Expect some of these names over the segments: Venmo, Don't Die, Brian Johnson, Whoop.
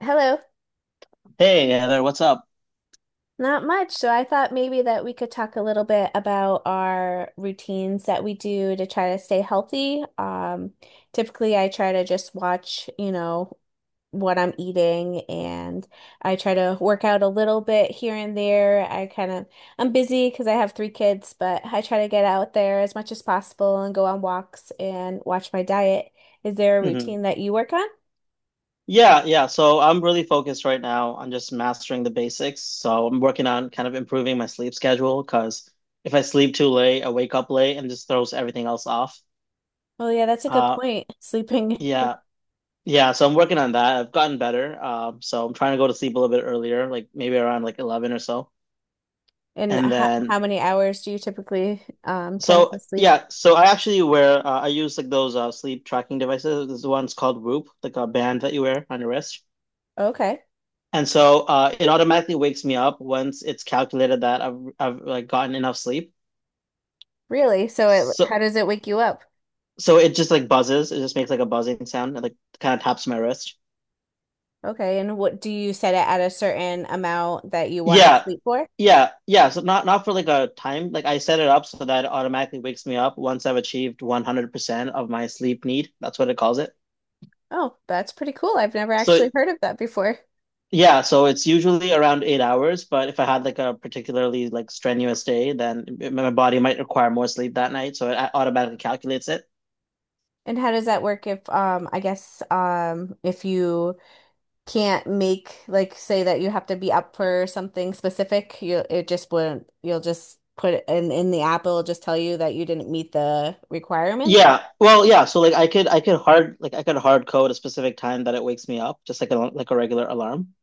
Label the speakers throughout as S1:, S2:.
S1: Hello.
S2: Hey, Heather, what's up?
S1: Not much. So I thought maybe that we could talk a little bit about our routines that we do to try to stay healthy. Typically I try to just watch what I'm eating, and I try to work out a little bit here and there. I kind of I'm busy because I have three kids, but I try to get out there as much as possible and go on walks and watch my diet. Is there a
S2: hmm
S1: routine that you work on?
S2: Yeah, yeah. So I'm really focused right now on just mastering the basics. So I'm working on kind of improving my sleep schedule because if I sleep too late, I wake up late and just throws everything else off.
S1: Oh yeah, that's a good
S2: Uh,
S1: point. Sleeping.
S2: yeah, yeah. So I'm working on that. I've gotten better. So I'm trying to go to sleep a little bit earlier, like maybe around like 11 or so.
S1: And
S2: And
S1: how,
S2: then,
S1: how many hours do you typically tend
S2: so
S1: to sleep?
S2: yeah, so I actually wear I use like those sleep tracking devices. This one's called Whoop, like a band that you wear on your wrist.
S1: Okay.
S2: And so it automatically wakes me up once it's calculated that I've like gotten enough sleep.
S1: Really? So it
S2: So
S1: how does it wake you up?
S2: so it just like buzzes. It just makes like a buzzing sound and like kind of taps my wrist.
S1: Okay. And what do you set it at, a certain amount that you want to
S2: Yeah.
S1: sleep for?
S2: Yeah. Yeah. So not for like a time. Like I set it up so that it automatically wakes me up once I've achieved 100% of my sleep need. That's what it calls it.
S1: Oh, that's pretty cool. I've never
S2: So
S1: actually heard of that before.
S2: Yeah, so it's usually around 8 hours, but if I had like a particularly like strenuous day, then my body might require more sleep that night, so it automatically calculates it.
S1: And how does that work if, I guess, if you can't, make like, say that you have to be up for something specific, you it just wouldn't you'll just put it in the app, it'll just tell you that you didn't meet the requirements?
S2: Yeah, well, yeah. So like I could hard like I could hard code a specific time that it wakes me up, just like a regular alarm.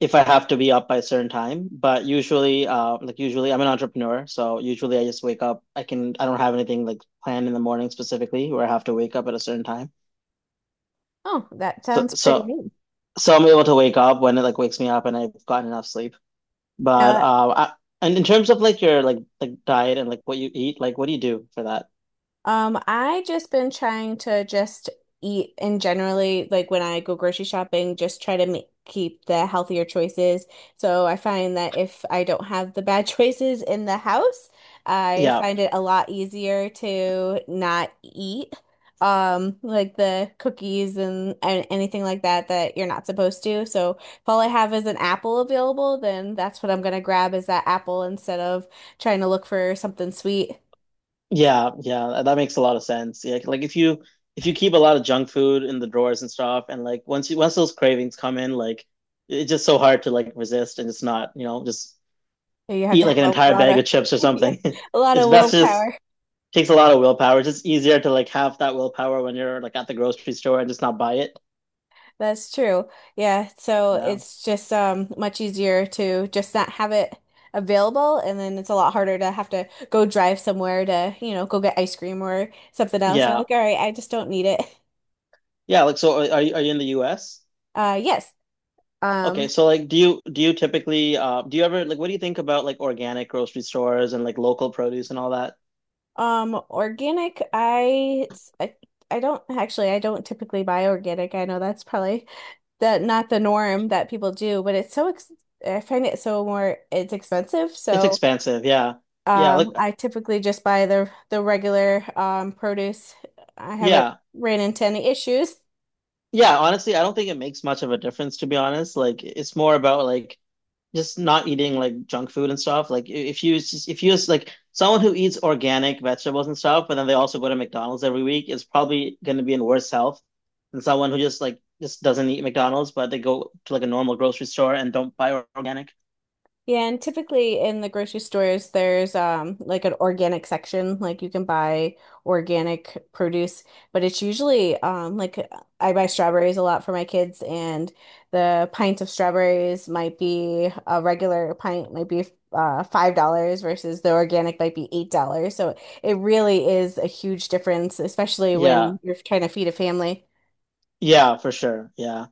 S2: If I have to be up by a certain time. But usually, like usually, I'm an entrepreneur, so usually I just wake up. I don't have anything like planned in the morning specifically where I have to wake up at a certain time.
S1: Oh, that
S2: So
S1: sounds pretty
S2: so
S1: neat.
S2: so I'm able to wake up when it like wakes me up and I've gotten enough sleep. But
S1: Now,
S2: uh, I, and in terms of like your like diet and like what you eat, like what do you do for that?
S1: I just been trying to just eat, and generally, like when I go grocery shopping, just try to make keep the healthier choices. So I find that if I don't have the bad choices in the house, I
S2: Yeah.
S1: find it a lot easier to not eat. Like the cookies, and anything like that that you're not supposed to. So if all I have is an apple available, then that's what I'm gonna grab, is that apple, instead of trying to look for something sweet.
S2: Yeah, yeah, that makes a lot of sense. Yeah, like if you keep a lot of junk food in the drawers and stuff, and like once those cravings come in, like it's just so hard to like resist and just not, just
S1: So you have
S2: eat
S1: to
S2: like
S1: have
S2: an
S1: a
S2: entire
S1: lot
S2: bag
S1: of.
S2: of chips or
S1: Yeah,
S2: something.
S1: a lot
S2: It's
S1: of
S2: best just
S1: willpower.
S2: Takes a lot of willpower. It's just easier to like have that willpower when you're like at the grocery store and just not buy it.
S1: That's true. Yeah, so
S2: Yeah.
S1: it's just much easier to just not have it available, and then it's a lot harder to have to go drive somewhere to go get ice cream or something else. You're
S2: Yeah.
S1: like, "All right, I just don't need it."
S2: Yeah, like so are you are you in the US?
S1: Yes.
S2: Okay,
S1: Um
S2: so like do you typically do you ever like what do you think about like organic grocery stores and like local produce and all that?
S1: Organic, I it's- I don't actually I don't typically buy organic. I know that's probably the not the norm that people do, but it's so ex I find it so more it's expensive,
S2: It's
S1: so.
S2: expensive, yeah. Yeah, like
S1: I typically just buy the regular produce. I haven't
S2: yeah.
S1: ran into any issues.
S2: Yeah, honestly, I don't think it makes much of a difference to be honest. Like it's more about like just not eating like junk food and stuff. Like I- if you s- like someone who eats organic vegetables and stuff, but then they also go to McDonald's every week is probably going to be in worse health than someone who just like just doesn't eat McDonald's, but they go to like a normal grocery store and don't buy organic.
S1: Yeah, and typically in the grocery stores, there's like an organic section, like you can buy organic produce, but it's usually like I buy strawberries a lot for my kids, and the pint of strawberries might be a regular pint might be $5 versus the organic might be $8. So it really is a huge difference, especially
S2: Yeah.
S1: when you're trying to feed a family.
S2: Yeah, for sure. Yeah.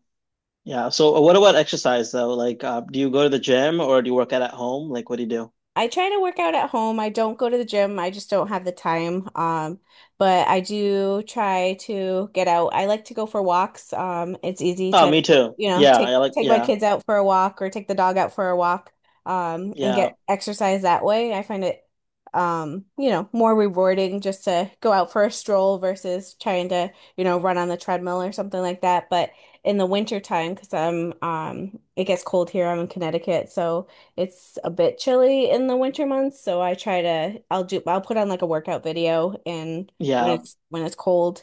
S2: Yeah. So what about exercise though? Like do you go to the gym or do you work out at home? Like what do you do?
S1: I try to work out at home. I don't go to the gym. I just don't have the time. But I do try to get out. I like to go for walks. It's easy
S2: Oh, me
S1: to,
S2: too. Yeah,
S1: take
S2: I like
S1: take my
S2: yeah,
S1: kids out for a walk or take the dog out for a walk, and
S2: yeah,
S1: get exercise that way. I find it more rewarding, just to go out for a stroll versus trying to, run on the treadmill or something like that. But in the winter time, because it gets cold here. I'm in Connecticut, so. It's a bit chilly in the winter months, so I try to I'll do I'll put on like a workout video and when
S2: yeah,
S1: it's when it's cold.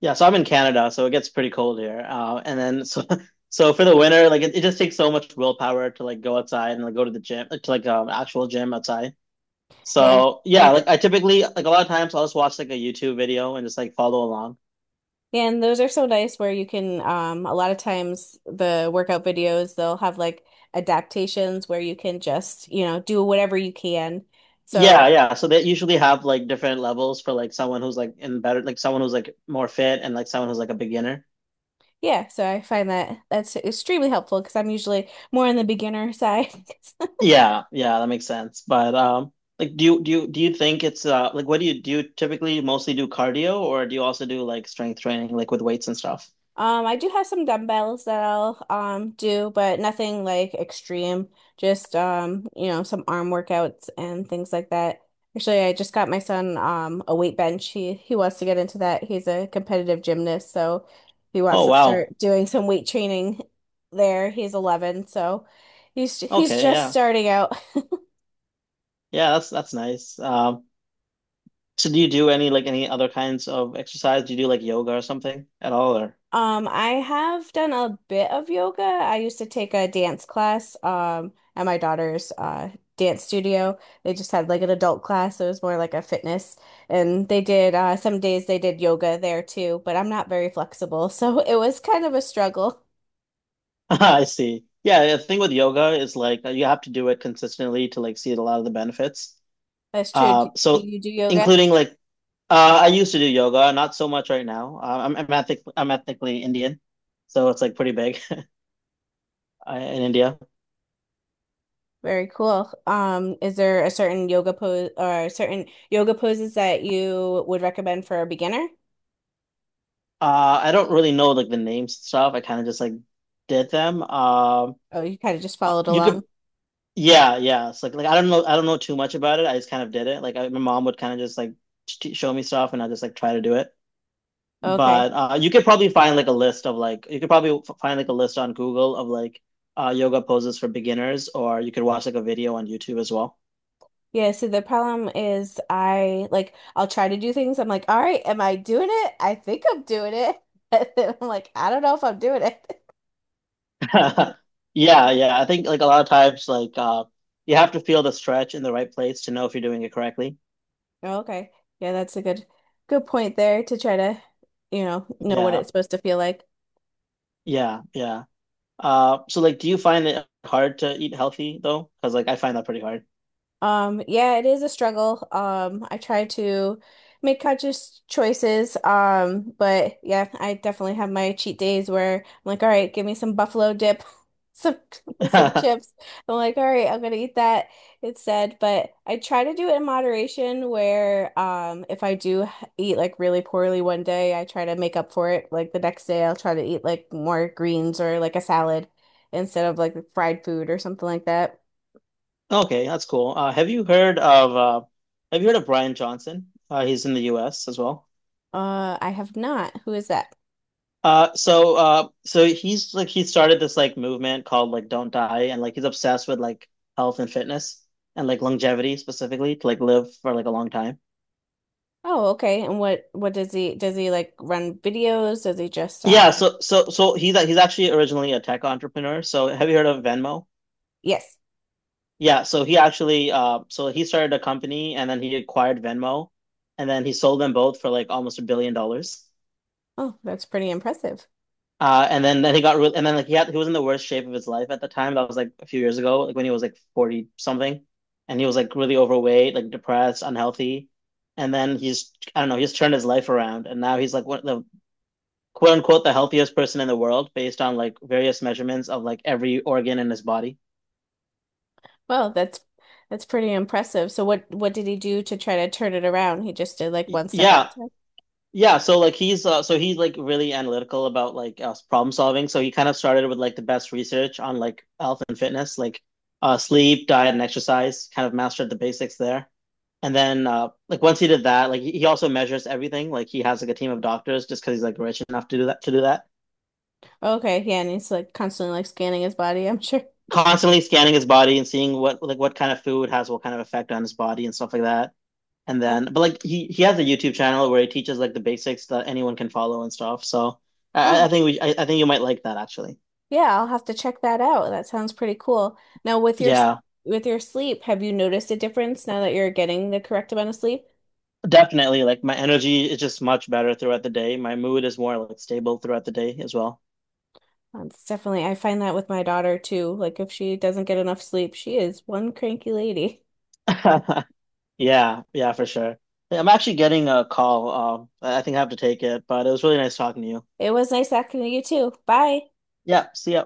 S2: yeah. So I'm in Canada, so it gets pretty cold here. And then so for the winter, like it just takes so much willpower to like go outside and like go to the gym, like, to like actual gym outside.
S1: Yeah.
S2: So yeah,
S1: I
S2: like I typically like a lot of times I'll just watch like a YouTube video and just like follow along.
S1: And those are so nice, where you can, a lot of times the workout videos, they'll have like adaptations where you can just do whatever you can. So,
S2: Yeah, yeah. So they usually have like different levels for like someone who's like in better, like someone who's like more fit and like someone who's like a beginner.
S1: yeah, so I find that that's extremely helpful because I'm usually more on the beginner side.
S2: Yeah, yeah, that makes sense. But like do you think it's like what do you typically mostly do cardio or do you also do like strength training like with weights and stuff?
S1: I do have some dumbbells that I'll do, but nothing like extreme. Just some arm workouts and things like that. Actually, I just got my son a weight bench. He wants to get into that. He's a competitive gymnast, so he wants
S2: Oh
S1: to
S2: wow.
S1: start doing some weight training there. He's 11, so he's
S2: Okay,
S1: just
S2: yeah.
S1: starting out.
S2: Yeah, that's nice. So do you do any like any other kinds of exercise? Do you do like yoga or something at all or
S1: I have done a bit of yoga. I used to take a dance class, at my daughter's dance studio. They just had like an adult class, so it was more like a fitness. And they did some days they did yoga there too, but I'm not very flexible, so it was kind of a struggle.
S2: I see. Yeah, the thing with yoga is like you have to do it consistently to like see a lot of the benefits.
S1: That's true. Do
S2: So
S1: you do yoga?
S2: including like I used to do yoga, not so much right now. I'm ethnically Indian, so it's like pretty big in India.
S1: Very cool. Is there a certain yoga pose or certain yoga poses that you would recommend for a beginner?
S2: I don't really know like the names and stuff. I kind of just like did them.
S1: Oh, you kind of just
S2: Uh,
S1: followed
S2: you
S1: along.
S2: could, yeah, yeah. It's like I don't know too much about it. I just kind of did it. My mom would kind of just like t show me stuff, and I just like try to do it.
S1: Okay.
S2: But you could probably find like a list of like you could probably find like a list on Google of like yoga poses for beginners, or you could watch like a video on YouTube as well.
S1: Yeah, so the problem is, I'll try to do things. I'm like, all right, am I doing it? I think I'm doing it. And then I'm like, I don't know if I'm doing it.
S2: Yeah, yeah. I think like a lot of times like you have to feel the stretch in the right place to know if you're doing it correctly.
S1: Oh, okay. Yeah, that's a good point there to try to, know what
S2: Yeah,
S1: it's supposed to feel like.
S2: yeah, yeah. So like, do you find it hard to eat healthy though? Because like I find that pretty hard.
S1: Yeah, it is a struggle. I try to make conscious choices. But yeah, I definitely have my cheat days where I'm like, all right, give me some buffalo dip, some with some chips. I'm like, all right, I'm gonna eat that instead. But I try to do it in moderation where, if I do eat like really poorly one day, I try to make up for it. Like the next day I'll try to eat like more greens or like a salad instead of like fried food or something like that.
S2: Okay, that's cool. Have you heard of Brian Johnson? He's in the U.S. as well.
S1: I have not. Who is that?
S2: So he's like he started this like movement called like Don't Die, and like he's obsessed with like health and fitness and like longevity specifically to like live for like a long time.
S1: Oh, okay. And what does he, like, run videos? Does he just
S2: Yeah, so he's actually originally a tech entrepreneur. So have you heard of Venmo?
S1: yes.
S2: Yeah, so he actually so he started a company and then he acquired Venmo and then he sold them both for like almost $1 billion.
S1: Oh, that's pretty impressive.
S2: And then he got really, and then like he was in the worst shape of his life at the time. That was like a few years ago, like when he was like 40 something, and he was like really overweight, like depressed, unhealthy. And then he's I don't know, he's turned his life around, and now he's like one of the quote unquote the healthiest person in the world based on like various measurements of like every organ in his body.
S1: Well, that's pretty impressive. So what did he do to try to turn it around? He just did like
S2: Y-
S1: one step at a
S2: Yeah,
S1: time.
S2: Yeah, so like he's so he's like really analytical about like problem solving. So he kind of started with like the best research on like health and fitness, like sleep, diet, and exercise. Kind of mastered the basics there, and then like once he did that, like he also measures everything. Like he has like a team of doctors just because he's like rich enough to do that.
S1: Okay, yeah, and he's like constantly like scanning his body, I'm sure.
S2: Constantly scanning his body and seeing what like what kind of food has what kind of effect on his body and stuff like that. And
S1: Uh,
S2: then, but like he has a YouTube channel where he teaches like the basics that anyone can follow and stuff. So
S1: oh,
S2: I think you might like that actually.
S1: yeah, I'll have to check that out. That sounds pretty cool. Now
S2: Yeah,
S1: with your sleep, have you noticed a difference now that you're getting the correct amount of sleep?
S2: definitely. Like my energy is just much better throughout the day. My mood is more like stable throughout the day as well.
S1: That's definitely, I find that with my daughter too. Like if she doesn't get enough sleep, she is one cranky lady.
S2: Yeah, yeah, for sure. Yeah, I'm actually getting a call. I think I have to take it, but it was really nice talking to you.
S1: It was nice talking to you too. Bye.
S2: Yeah, see ya.